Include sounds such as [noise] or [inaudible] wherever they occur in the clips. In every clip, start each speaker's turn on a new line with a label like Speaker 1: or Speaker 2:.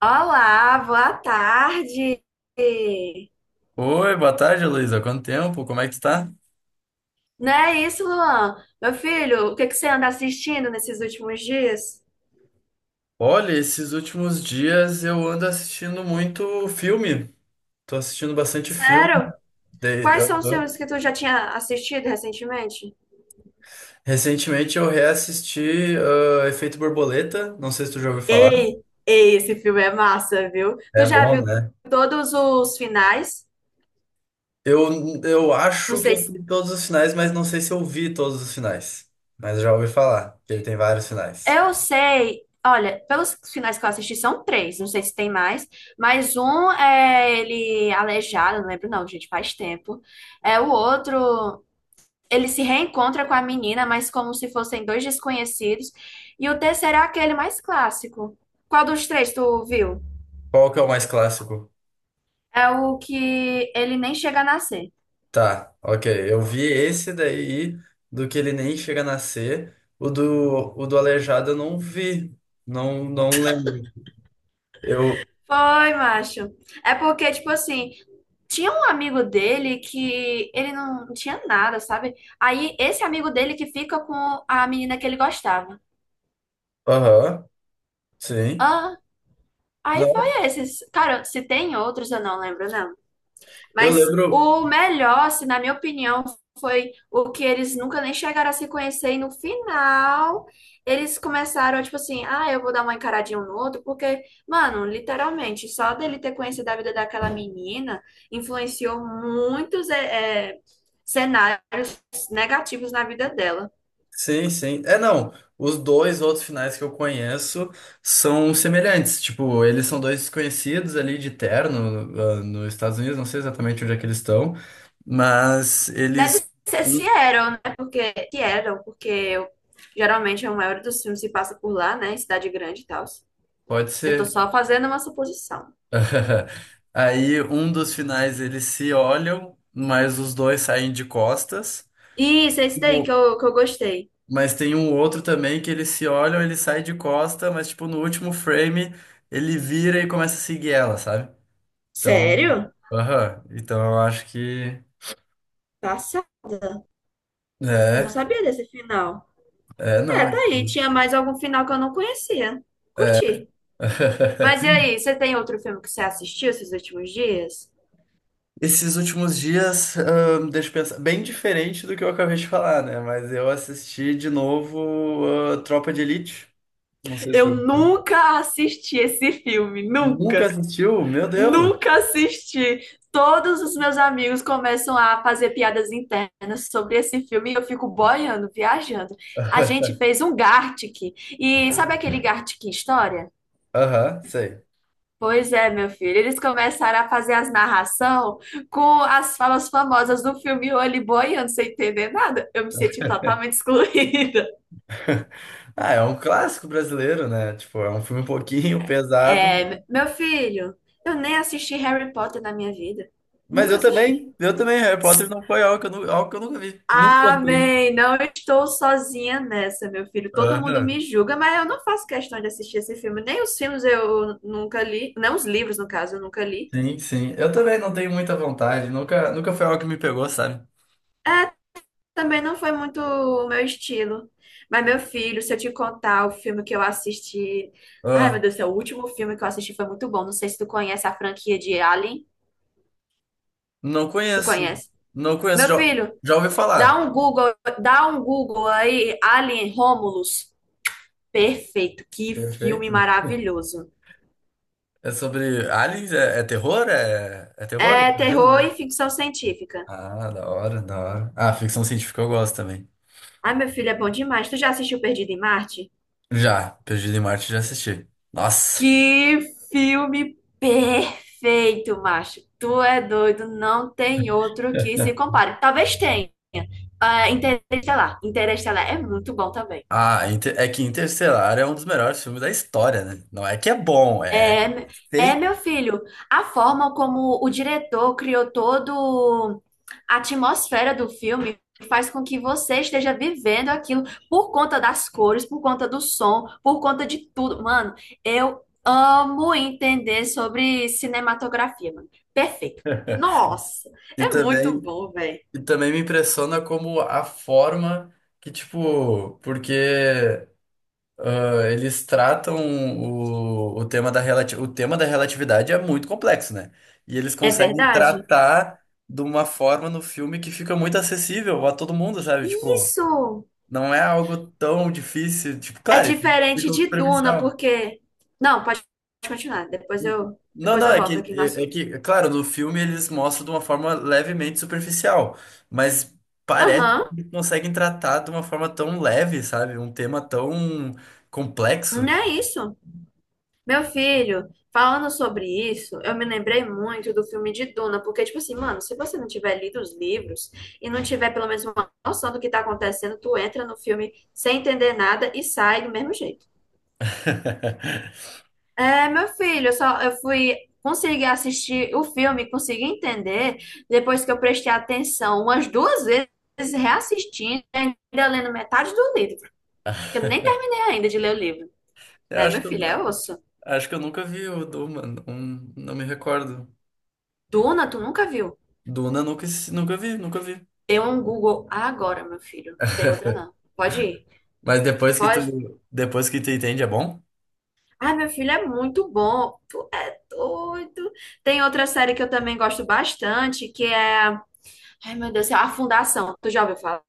Speaker 1: Olá, boa tarde.
Speaker 2: Oi, boa tarde, Luísa. Quanto tempo? Como é que tu tá?
Speaker 1: Não é isso, Luan? Meu filho, o que que você anda assistindo nesses últimos dias?
Speaker 2: Olha, esses últimos dias eu ando assistindo muito filme. Tô assistindo bastante filme.
Speaker 1: Sério?
Speaker 2: De-
Speaker 1: Quais são os
Speaker 2: aham.
Speaker 1: filmes que tu já tinha assistido recentemente?
Speaker 2: Recentemente eu reassisti Efeito Borboleta. Não sei se tu já ouviu falar.
Speaker 1: Ei, ei, esse filme é massa, viu? Tu
Speaker 2: É
Speaker 1: já
Speaker 2: bom,
Speaker 1: viu
Speaker 2: né?
Speaker 1: todos os finais?
Speaker 2: Eu
Speaker 1: Não
Speaker 2: acho que
Speaker 1: sei
Speaker 2: eu
Speaker 1: se...
Speaker 2: vi todos os finais, mas não sei se eu vi todos os finais. Mas eu já ouvi falar que ele tem vários finais.
Speaker 1: Eu sei. Olha, pelos finais que eu assisti, são três. Não sei se tem mais. Mas um é ele aleijado, não lembro não, gente, faz tempo. É o outro. Ele se reencontra com a menina, mas como se fossem dois desconhecidos. E o terceiro é aquele mais clássico. Qual dos três tu viu?
Speaker 2: Qual que é o mais clássico?
Speaker 1: É o que ele nem chega a nascer.
Speaker 2: Tá, ok. Eu vi esse daí do que ele nem chega a nascer. O do Aleijado eu não vi. Não, não lembro. Eu.
Speaker 1: Foi, macho. É porque, tipo assim, tinha um amigo dele que ele não tinha nada, sabe? Aí esse amigo dele que fica com a menina que ele gostava.
Speaker 2: Aham, sim.
Speaker 1: Ah, aí foi
Speaker 2: Não,
Speaker 1: esses. Cara, se tem outros, eu não lembro, não.
Speaker 2: eu
Speaker 1: Mas
Speaker 2: lembro.
Speaker 1: o melhor, assim, na minha opinião, foi o que eles nunca nem chegaram a se conhecer. E no final, eles começaram, tipo assim, ah, eu vou dar uma encaradinha um no outro, porque, mano, literalmente, só dele ter conhecido a vida daquela menina influenciou muitos cenários negativos na vida dela.
Speaker 2: Sim, sim. É, não. Os dois outros finais que eu conheço são semelhantes. Tipo, eles são dois desconhecidos ali de terno, nos Estados Unidos. Não sei exatamente onde é que eles estão. Mas
Speaker 1: Deve
Speaker 2: eles.
Speaker 1: ser
Speaker 2: um-
Speaker 1: Seattle, né? Porque Seattle, geralmente a maioria dos filmes se passa por lá, né? Em cidade grande e tal.
Speaker 2: Pode
Speaker 1: Eu tô
Speaker 2: ser.
Speaker 1: só fazendo uma suposição.
Speaker 2: [laughs] Aí um dos finais eles se olham, mas os dois saem de costas.
Speaker 1: Isso, é esse daí que
Speaker 2: Tipo,
Speaker 1: eu, que eu gostei.
Speaker 2: mas tem um outro também que eles se olham, ele sai de costa, mas tipo no último frame ele vira e começa a seguir ela, sabe? Então,
Speaker 1: Sério?
Speaker 2: aham. Então eu acho que
Speaker 1: Passada. Não
Speaker 2: é,
Speaker 1: sabia desse final.
Speaker 2: é
Speaker 1: É,
Speaker 2: não.
Speaker 1: tá aí. Tinha mais algum final que eu não conhecia. Curti. Mas e
Speaker 2: [laughs]
Speaker 1: aí, você tem outro filme que você assistiu esses últimos dias?
Speaker 2: Esses últimos dias, deixa eu pensar, bem diferente do que eu acabei de falar, né? Mas eu assisti de novo, Tropa de Elite. Não sei se
Speaker 1: Eu
Speaker 2: eu
Speaker 1: nunca assisti esse filme,
Speaker 2: nunca
Speaker 1: nunca.
Speaker 2: assistiu. Meu Deus!
Speaker 1: Nunca assisti. Todos os meus amigos começam a fazer piadas internas sobre esse filme e eu fico boiando, viajando. A gente fez um Gartic. E sabe aquele Gartic História?
Speaker 2: Aham, sei.
Speaker 1: Pois é, meu filho. Eles começaram a fazer as narração com as falas famosas do filme Olho Boi, eu não sei entender nada. Eu me senti totalmente excluída. [laughs]
Speaker 2: Ah, é um clássico brasileiro, né? Tipo, é um filme um pouquinho [laughs] pesado.
Speaker 1: É, meu filho, eu nem assisti Harry Potter na minha vida.
Speaker 2: Mas
Speaker 1: Nunca
Speaker 2: eu
Speaker 1: assisti.
Speaker 2: também, eu também, Harry Potter não foi algo que algo que eu nunca vi. Nunca gostei.
Speaker 1: Amém. Não estou sozinha nessa, meu filho. Todo mundo
Speaker 2: Aham.
Speaker 1: me julga, mas eu não faço questão de assistir esse filme. Nem os filmes eu nunca li, não os livros, no caso, eu nunca li.
Speaker 2: Sim, sim. Eu também não tenho muita vontade. Nunca foi algo que me pegou, sabe?
Speaker 1: Também não foi muito o meu estilo. Mas, meu filho, se eu te contar o filme que eu assisti. Ai, meu
Speaker 2: Ah,
Speaker 1: Deus do céu, o último filme que eu assisti foi muito bom. Não sei se tu conhece a franquia de Alien.
Speaker 2: não
Speaker 1: Tu
Speaker 2: conheço.
Speaker 1: conhece?
Speaker 2: Não conheço.
Speaker 1: Meu
Speaker 2: Já,
Speaker 1: filho,
Speaker 2: já ouvi
Speaker 1: dá
Speaker 2: falar.
Speaker 1: um Google, dá um Google aí, Alien Romulus. Perfeito, que filme
Speaker 2: Perfeito, né?
Speaker 1: maravilhoso.
Speaker 2: É sobre aliens? É terror? É terror?
Speaker 1: É
Speaker 2: Imagino,
Speaker 1: terror
Speaker 2: né?
Speaker 1: e ficção científica.
Speaker 2: Ah, da hora, da hora. Ah, ficção científica eu gosto também.
Speaker 1: Ai, meu filho, é bom demais. Tu já assistiu Perdido em Marte?
Speaker 2: Já, Perdido em Marte já assisti. Nossa.
Speaker 1: Que filme perfeito, macho. Tu é doido, não tem outro que se
Speaker 2: [laughs]
Speaker 1: compare. Talvez tenha. Ah, Interestelar. Interestelar é muito bom também.
Speaker 2: É que Interestelar é um dos melhores filmes da história, né? Não é que é bom, é
Speaker 1: É,
Speaker 2: feito.
Speaker 1: meu filho, a forma como o diretor criou todo a atmosfera do filme faz com que você esteja vivendo aquilo por conta das cores, por conta do som, por conta de tudo. Mano, eu amo entender sobre cinematografia, mano. Perfeito. Nossa,
Speaker 2: E
Speaker 1: é muito
Speaker 2: também,
Speaker 1: bom, velho.
Speaker 2: e também me impressiona como a forma que, tipo, porque eles tratam o tema da o tema da relatividade é muito complexo, né? E eles
Speaker 1: É
Speaker 2: conseguem
Speaker 1: verdade?
Speaker 2: tratar de uma forma no filme que fica muito acessível a todo mundo, sabe? Tipo,
Speaker 1: Isso
Speaker 2: não é algo tão difícil, tipo,
Speaker 1: é
Speaker 2: claro,
Speaker 1: diferente
Speaker 2: ficou
Speaker 1: de Duna,
Speaker 2: superficial.
Speaker 1: porque. Não, pode continuar. Depois eu,
Speaker 2: Não,
Speaker 1: depois
Speaker 2: não,
Speaker 1: eu volto aqui no
Speaker 2: é
Speaker 1: assunto.
Speaker 2: que, é claro, no filme eles mostram de uma forma levemente superficial, mas parece que
Speaker 1: Aham,
Speaker 2: eles conseguem tratar de uma forma tão leve, sabe? Um tema tão
Speaker 1: não
Speaker 2: complexo.
Speaker 1: é isso. Meu filho, falando sobre isso, eu me lembrei muito do filme de Duna, porque, tipo assim, mano, se você não tiver lido os livros e não tiver pelo menos uma noção do que tá acontecendo, tu entra no filme sem entender nada e sai do mesmo jeito.
Speaker 2: [laughs]
Speaker 1: É, meu filho, eu fui conseguir assistir o filme, consegui entender, depois que eu prestei atenção umas duas vezes, reassistindo, e ainda lendo metade do livro, porque eu nem terminei ainda de ler o livro.
Speaker 2: Eu
Speaker 1: É,
Speaker 2: acho
Speaker 1: meu
Speaker 2: que eu,
Speaker 1: filho, é osso.
Speaker 2: acho que eu nunca vi o Duna, não, não me recordo.
Speaker 1: Duna, tu nunca viu?
Speaker 2: Duna nunca, Nunca vi, nunca vi.
Speaker 1: Dê um Google agora, meu filho. Não tem outra, não. Pode ir.
Speaker 2: Mas
Speaker 1: Pode.
Speaker 2: depois que tu entende, é bom?
Speaker 1: Ai, meu filho é muito bom. Tu é doido. Tem outra série que eu também gosto bastante, que é. Ai, meu Deus, do céu, A Fundação. Tu já ouviu falar?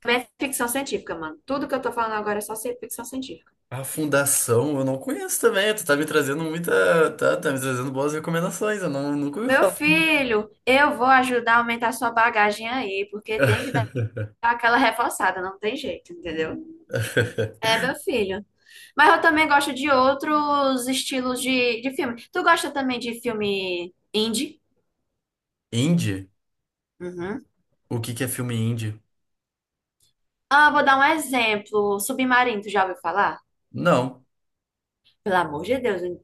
Speaker 1: Também é ficção científica, mano. Tudo que eu tô falando agora é só ser ficção científica.
Speaker 2: A Fundação, eu não conheço também. Tu tá me trazendo muita. Tá, tá me trazendo boas recomendações. Eu não, nunca ouvi
Speaker 1: Meu
Speaker 2: falar.
Speaker 1: filho, eu vou ajudar a aumentar sua bagagem aí, porque tem que dar aquela reforçada, não tem jeito, entendeu?
Speaker 2: [laughs]
Speaker 1: É, meu filho. Mas eu também gosto de outros estilos de filme. Tu gosta também de filme indie?
Speaker 2: Indie?
Speaker 1: Uhum.
Speaker 2: O que que é filme indie?
Speaker 1: Ah, vou dar um exemplo. Submarino, tu já ouviu falar?
Speaker 2: Não.
Speaker 1: Pelo amor de Deus. Hein?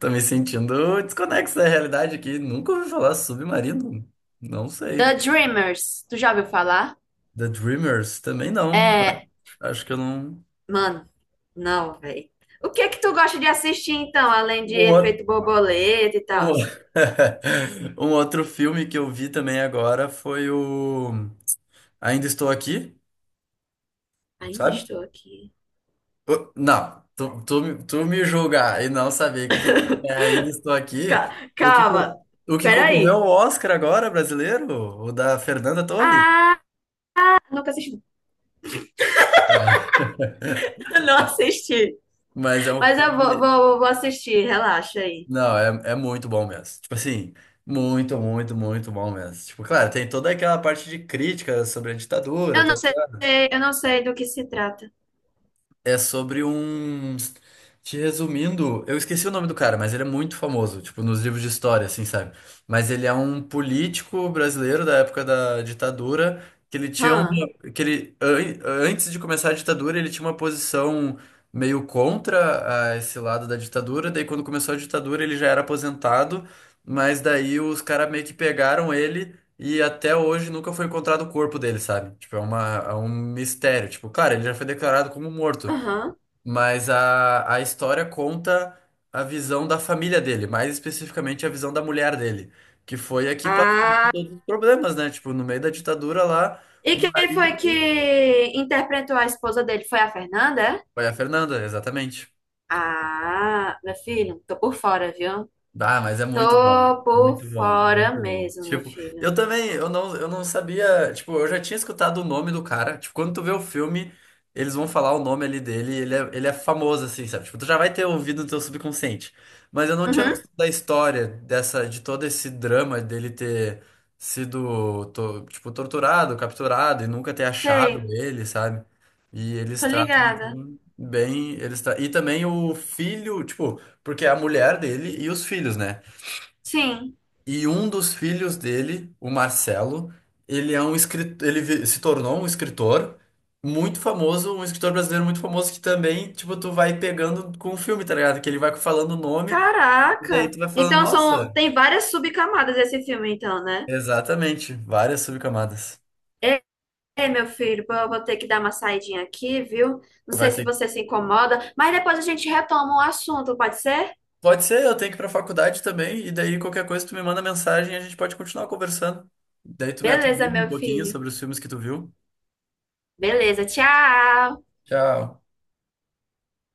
Speaker 2: Tô me sentindo desconexo da realidade aqui. Nunca ouvi falar Submarino. Não
Speaker 1: The
Speaker 2: sei.
Speaker 1: Dreamers, tu já ouviu falar?
Speaker 2: The Dreamers? Também não, né?
Speaker 1: É,
Speaker 2: Acho que eu não.
Speaker 1: mano, não, velho. O que que tu gosta de assistir então, além
Speaker 2: Um,
Speaker 1: de
Speaker 2: outro-
Speaker 1: Efeito Borboleta e tal?
Speaker 2: um [laughs] um outro filme que eu vi também agora foi o Ainda Estou Aqui,
Speaker 1: Ainda
Speaker 2: sabe?
Speaker 1: estou aqui.
Speaker 2: Ô, não, tu me julgar e não saber que ainda estou aqui,
Speaker 1: Ca-
Speaker 2: o que,
Speaker 1: Calma,
Speaker 2: co- o que concorreu
Speaker 1: peraí.
Speaker 2: ao Oscar agora, brasileiro, o da Fernanda Torres.
Speaker 1: Ah, nunca assisti.
Speaker 2: Ah. [laughs]
Speaker 1: [laughs] Não assisti.
Speaker 2: Mas é um
Speaker 1: Mas eu vou,
Speaker 2: filme.
Speaker 1: vou, vou assistir, relaxa aí.
Speaker 2: Não, é, é muito bom mesmo. Tipo assim, muito, muito, muito bom mesmo. Tipo, claro, tem toda aquela parte de crítica sobre a ditadura,
Speaker 1: Eu
Speaker 2: tá?
Speaker 1: não sei, eu não sei do que se trata.
Speaker 2: É sobre um. Te resumindo, eu esqueci o nome do cara, mas ele é muito famoso, tipo, nos livros de história, assim, sabe? Mas ele é um político brasileiro da época da ditadura, que ele tinha uma,
Speaker 1: Hã?
Speaker 2: que antes de começar a ditadura, ele tinha uma posição meio contra a esse lado da ditadura, daí quando começou a ditadura ele já era aposentado, mas daí os caras meio que pegaram ele e até hoje nunca foi encontrado o corpo dele, sabe? Tipo, é uma, é um mistério. Tipo, claro, ele já foi declarado como morto,
Speaker 1: Aham.
Speaker 2: mas a história conta a visão da família dele, mais especificamente a visão da mulher dele, que foi aqui que por todos
Speaker 1: Ah.
Speaker 2: os problemas, né? Tipo, no meio da ditadura lá,
Speaker 1: E
Speaker 2: o
Speaker 1: quem foi que
Speaker 2: marido.
Speaker 1: interpretou a esposa dele? Foi a Fernanda? É?
Speaker 2: Foi a Fernanda, exatamente.
Speaker 1: Ah, meu filho, tô por fora, viu?
Speaker 2: Dá, mas é muito bom.
Speaker 1: Tô por
Speaker 2: Muito bom,
Speaker 1: fora
Speaker 2: muito bom.
Speaker 1: mesmo, meu
Speaker 2: Tipo,
Speaker 1: filho.
Speaker 2: eu também, eu não sabia, tipo, eu já tinha escutado o nome do cara. Tipo, quando tu vê o filme, eles vão falar o nome ali dele, e ele é famoso, assim, sabe? Tipo, tu já vai ter ouvido no teu subconsciente. Mas eu não tinha
Speaker 1: Uhum,
Speaker 2: noção da história dessa, de todo esse drama dele ter tipo, torturado, capturado e nunca ter achado
Speaker 1: sei,
Speaker 2: ele, sabe? E eles
Speaker 1: tô
Speaker 2: tratam
Speaker 1: ligada.
Speaker 2: aquilo bem, e também o filho, tipo porque é a mulher dele e os filhos, né?
Speaker 1: Sim.
Speaker 2: E um dos filhos dele, o Marcelo, ele é um escritor, se tornou um escritor muito famoso, um escritor brasileiro muito famoso que também, tipo, tu vai pegando com o filme, tá ligado? Que ele vai falando o nome e daí
Speaker 1: Caraca!
Speaker 2: tu vai falando,
Speaker 1: Então
Speaker 2: nossa,
Speaker 1: são, tem várias subcamadas esse filme, então, né?
Speaker 2: exatamente, várias subcamadas.
Speaker 1: Ei, meu filho, pô, eu vou ter que dar uma saidinha aqui, viu? Não sei
Speaker 2: Vai
Speaker 1: se
Speaker 2: ter.
Speaker 1: você se incomoda, mas depois a gente retoma o assunto, pode ser?
Speaker 2: Pode ser, eu tenho que ir pra faculdade também e daí qualquer coisa tu me manda mensagem e a gente pode continuar conversando. Daí tu me
Speaker 1: Beleza,
Speaker 2: atualiza um
Speaker 1: meu
Speaker 2: pouquinho
Speaker 1: filho.
Speaker 2: sobre os filmes que tu viu.
Speaker 1: Beleza, tchau!
Speaker 2: Tchau.